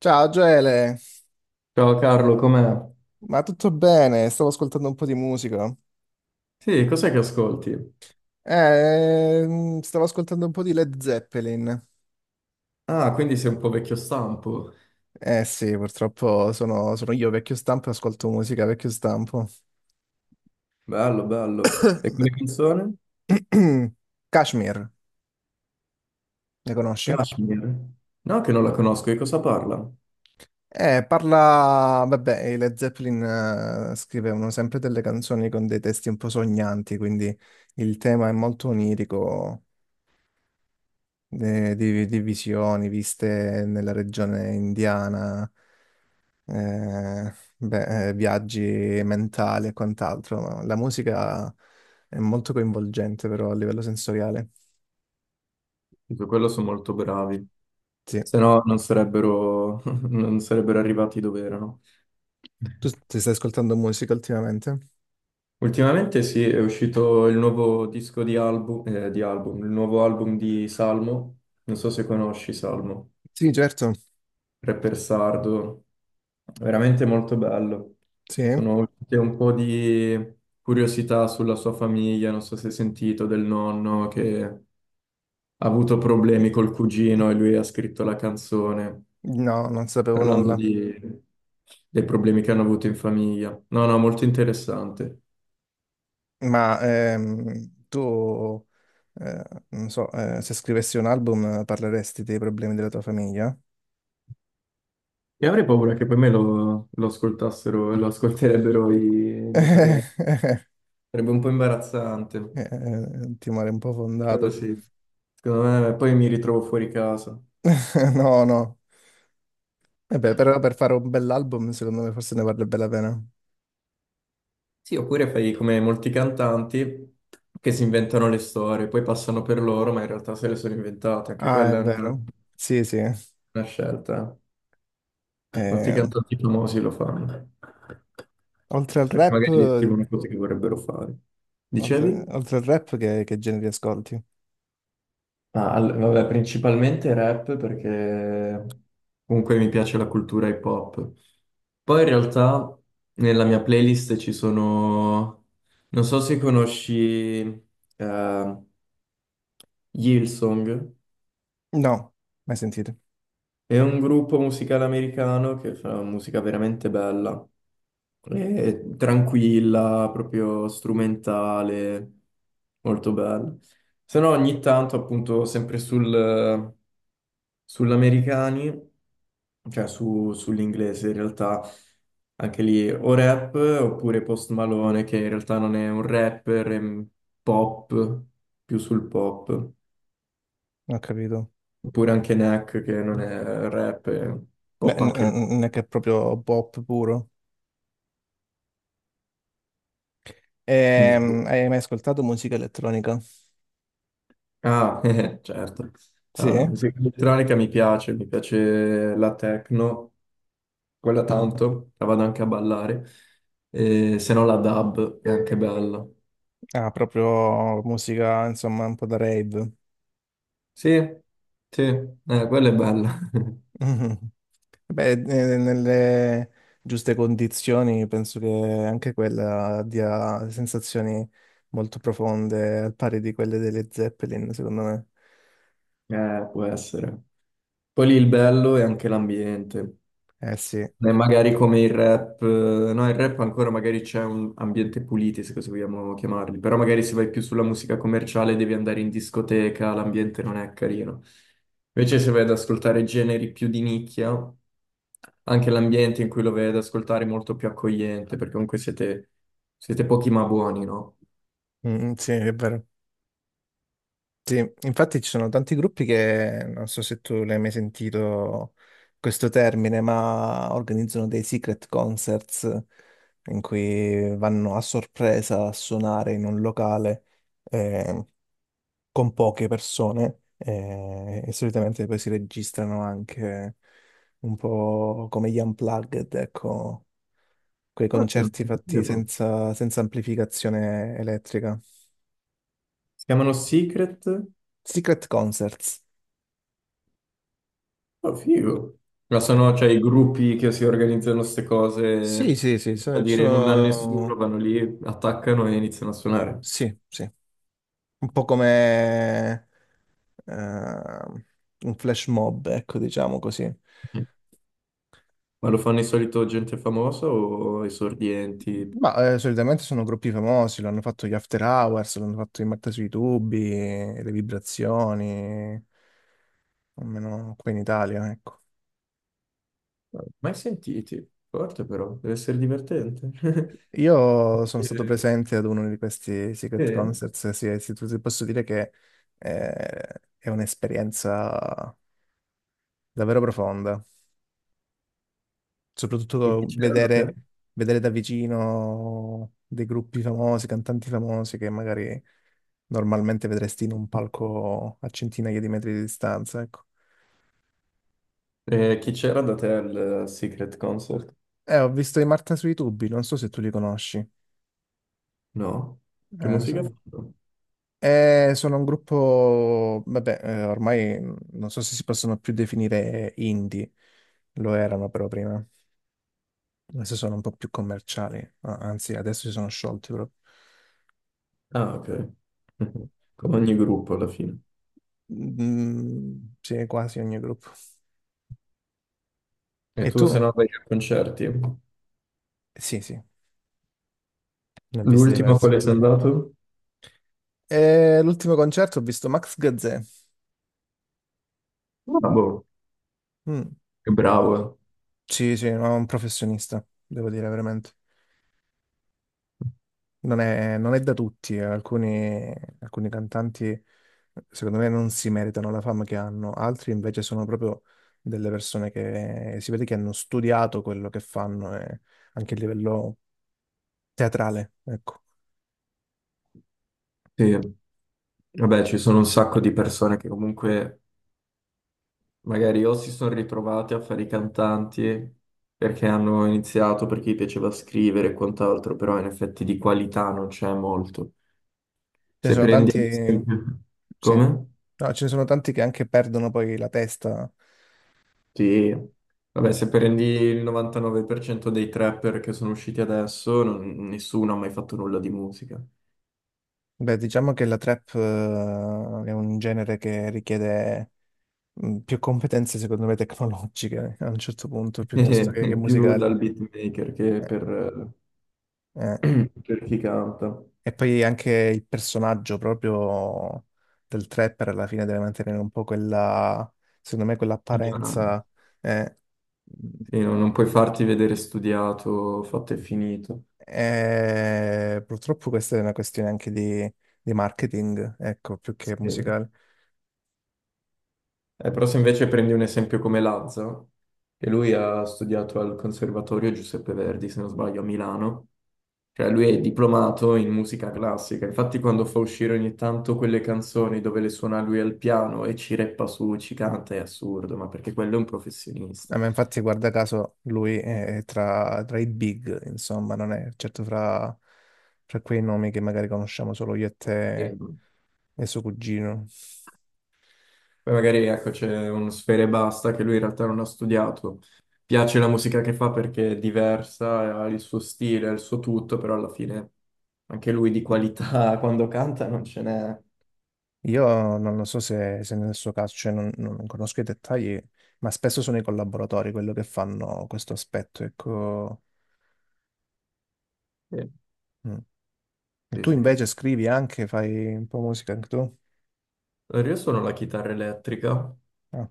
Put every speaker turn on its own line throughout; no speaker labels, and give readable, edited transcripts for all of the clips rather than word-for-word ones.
Ciao Gele,
Ciao Carlo, com'è?
ma tutto bene? Stavo ascoltando un po' di musica.
Sì, cos'è che ascolti?
Stavo ascoltando un po' di Led Zeppelin.
Ah, quindi sei un po' vecchio stampo.
Eh sì, purtroppo sono io vecchio stampo e ascolto musica vecchio stampo.
Bello, bello. E quella canzone?
Kashmir, le conosci?
Kashmir. No, che non la conosco, di cosa parla?
Parla... Vabbè, i Led Zeppelin scrivevano sempre delle canzoni con dei testi un po' sognanti, quindi il tema è molto onirico, di visioni viste nella regione indiana. Beh, viaggi mentali e quant'altro, ma la musica è molto coinvolgente però a livello sensoriale.
Su quello sono molto bravi.
Sì.
Se no non sarebbero, non sarebbero arrivati dove erano.
Tu ti stai ascoltando musica ultimamente?
Ultimamente sì, è uscito il nuovo disco di album, il nuovo album di Salmo. Non so se conosci Salmo.
Sì, certo,
Rapper sardo, veramente molto bello.
sì.
Sono uscite un po' di curiosità sulla sua famiglia, non so se hai sentito del nonno che ha avuto problemi col cugino e lui ha scritto la canzone
No, non sapevo
parlando
nulla.
di- dei problemi che hanno avuto in famiglia. No, no, molto interessante.
Ma tu, eh, non so, se scrivessi un album parleresti dei problemi della tua famiglia?
E avrei paura che poi lo ascoltassero, lo ascolterebbero i miei parenti. Sarebbe un po' imbarazzante,
Timore un po'
quello
fondato.
sì. Secondo me poi mi ritrovo fuori casa.
No, no. E beh, però per fare un bell'album, secondo me forse ne vale bene la pena.
Sì, oppure fai come molti cantanti che si inventano le storie, poi passano per loro, ma in realtà se le sono inventate, anche
Ah, è vero. Sì, sì.
una scelta. Molti
Eh,
cantanti famosi lo fanno,
Oltre al
perché
rap,
magari
eh,
descrivono cose che vorrebbero fare.
oltre,
Dicevi?
oltre al rap, che generi ascolti?
Ah, vabbè, principalmente rap perché comunque mi piace la cultura hip hop. Poi in realtà nella mia playlist ci sono, non so se conosci eh, Hillsong.
No, mai sentito.
È un gruppo musicale americano che fa musica veramente bella, è tranquilla, proprio strumentale, molto bella. Se no ogni tanto appunto sull'americani, cioè sull'inglese in realtà, anche lì o rap oppure Post Malone che in realtà non è un rapper, è un pop, più sul pop,
Non ho capito.
oppure anche Neck che non è rap, è
Beh,
pop anche lui.
non è che è proprio pop puro.
Quindi tu-
Hai mai ascoltato musica elettronica?
Ah, certo. No, no,
Sì?
musica elettronica mi piace la techno, quella tanto, la vado anche a ballare. E se no la dub è anche bella.
Ah, proprio musica, insomma, un po' da rave.
Sì, sì, quella è bella.
Mhm. Beh, nelle giuste condizioni penso che anche quella dia sensazioni molto profonde, al pari di quelle delle Zeppelin, secondo me.
Può essere. Poi lì il bello è anche l'ambiente.
Eh sì.
E magari come il rap, no, il rap ancora magari c'è un ambiente pulito, se così vogliamo chiamarli, però magari se vai più sulla musica commerciale devi andare in discoteca, l'ambiente non è carino. Invece se vai ad ascoltare generi più di nicchia, anche l'ambiente in cui lo vai ad ascoltare è molto più accogliente, perché siete pochi ma buoni, no?
Mm, mm, sì, è vero. Sì, infatti ci sono tanti gruppi che, non so se tu l'hai mai sentito questo termine, ma organizzano dei secret concerts in cui vanno a sorpresa a suonare in un locale eh, con poche persone e solitamente poi si registrano anche un po' come gli unplugged, ecco, quei
Guarda, non
concerti
lo
fatti
sapevo.
senza amplificazione elettrica.
Si chiamano Secret.
Secret concerts.
Oh, figo. Ma
Sì.
sono, cioè, i gruppi che si organizzano queste
Sì,
cose
sì, sì,
a dire nulla a nessuno,
sono,
vanno lì, attaccano e iniziano a suonare.
sì, sì, un po' come eh, un flash mob, ecco, diciamo così.
Mm. Ma lo fanno di solito gente famosa o esordienti?
Ma solitamente sono gruppi famosi, l'hanno fatto gli After Hours, l'hanno fatto i Marta sui tubi, le vibrazioni, almeno qui in Italia, ecco.
Mai sentiti? Forte però, deve essere divertente.
Io sono stato
Eh,
presente ad uno di questi Secret
eh,
Concerts, sì, sì, ti posso dire che eh, è un'esperienza davvero profonda.
e chi
Soprattutto
c'era da te?
vedere, vedere da vicino dei gruppi famosi, cantanti famosi che magari normalmente vedresti in un palco a centinaia di metri di distanza, ecco.
Chi c'era da te al Secret Concert?
Ho visto i Marta sui tubi, non so se tu li conosci.
No? Che
Eh,
musica ha
so-
fatto?
Sono un gruppo, vabbè, ormai non so se si possono più definire indie, lo erano però prima, adesso sono un po' più commerciali, anzi adesso si sono sciolti proprio.
Ah, ok. Mm. Come ogni gruppo alla fine.
Mm, mm, sì, quasi ogni gruppo.
E
E
tu
tu?
se no vai a concerti?
Sì, sì, ne ho visti
L'ultima
diversi.
quale sei andato?
E l'ultimo concerto ho visto Max Gazzè.
Ah, boh,
Mm.
che bravo.
Sì, sì, no, un professionista, devo dire veramente. Non è da tutti, eh. Alcuni cantanti secondo me non si meritano la fama che hanno, altri invece sono proprio delle persone che si vede che hanno studiato quello che fanno, e anche a livello teatrale, ecco.
Eh. Sì, vabbè, ci sono un sacco di persone che comunque magari o si sono ritrovate a fare i cantanti perché hanno iniziato, perché gli piaceva scrivere e quant'altro, però in effetti di qualità non c'è molto.
Ce ne
Se
sono
prendi
tanti,
ad esempio...
sì.
Come?
No, ce ne sono tanti che anche perdono poi la testa.
Sì. Vabbè, se prendi il 99% dei trapper che sono usciti adesso, nessuno ha mai fatto nulla di musica.
Beh, diciamo che la trap, è un genere che richiede più competenze, secondo me, tecnologiche a un certo punto, piuttosto che
Più
musicali.
dal beatmaker che
Eh,
per,
eh.
per chi canta.
E poi anche il personaggio proprio del trapper alla fine deve mantenere un po' quella, secondo me,
Ignorante.
quell'apparenza. eh.
Sì, no, non puoi farti vedere studiato, fatto e finito.
Purtroppo questa è una questione anche di marketing, ecco, più che
Sì.
musicale.
Però se invece prendi un esempio come Lazza, che lui ha studiato al Conservatorio Giuseppe Verdi, se non sbaglio, a Milano, cioè lui è diplomato in musica classica, infatti quando fa uscire ogni tanto quelle canzoni dove le suona lui al piano e ci reppa su, ci canta, è assurdo, ma perché quello è un professionista.
Ma infatti, guarda caso, lui è tra i big, insomma, non è certo fra, fra quei nomi che magari conosciamo solo io e te e suo cugino.
Poi magari ecco c'è uno sfera e basta che lui in realtà non ha studiato. Piace la musica che fa perché è diversa, ha il suo stile, ha il suo tutto, però alla fine anche lui di qualità quando canta non ce n'è.
Io non lo so se, se nel suo caso, cioè non conosco i dettagli, ma spesso sono i collaboratori quello che fanno questo aspetto, ecco.
Sì,
Mm. E
sì.
tu
Sì.
invece scrivi anche, fai un po' musica anche tu?
Allora, io suono la chitarra elettrica.
Ah,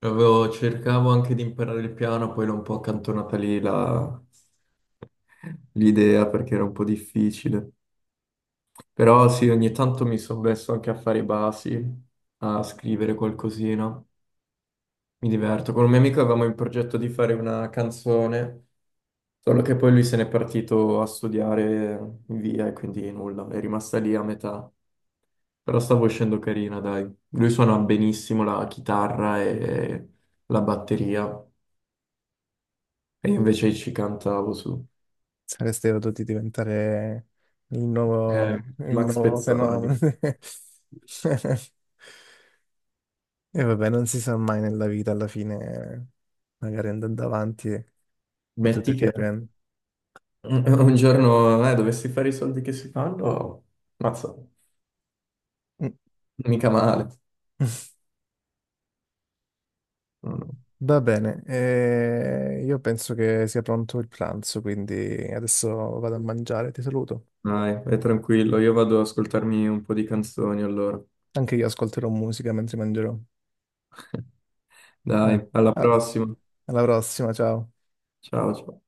Cercavo anche di imparare il piano, poi l'ho un po' accantonata l'idea perché era un po' difficile. Però sì, ogni tanto mi sono messo anche a fare i basi, a scrivere qualcosina. Mi diverto. Con un mio amico avevamo in progetto di fare una canzone, solo che poi lui se n'è partito a studiare in via e quindi nulla, è rimasta lì a metà. Però stavo uscendo carina, dai. Lui suona benissimo la chitarra e la batteria, e io invece ci cantavo su.
saresti potuti diventare il
Max
nuovo fenomeno.
Pezzali.
E vabbè, non si sa mai nella vita, alla fine magari andando avanti e potete
Metti che
riprendere.
un giorno dovessi fare i soldi che si fanno, mazza,
Mm.
mica male. No, no.
Va bene, io penso che sia pronto il pranzo, quindi adesso vado a mangiare, ti saluto.
Dai, è tranquillo, io vado ad ascoltarmi un po' di canzoni allora.
Anche io ascolterò musica mentre mangerò. Eh,
Dai, alla
ah,
prossima.
Alla prossima, ciao.
Ciao, ciao.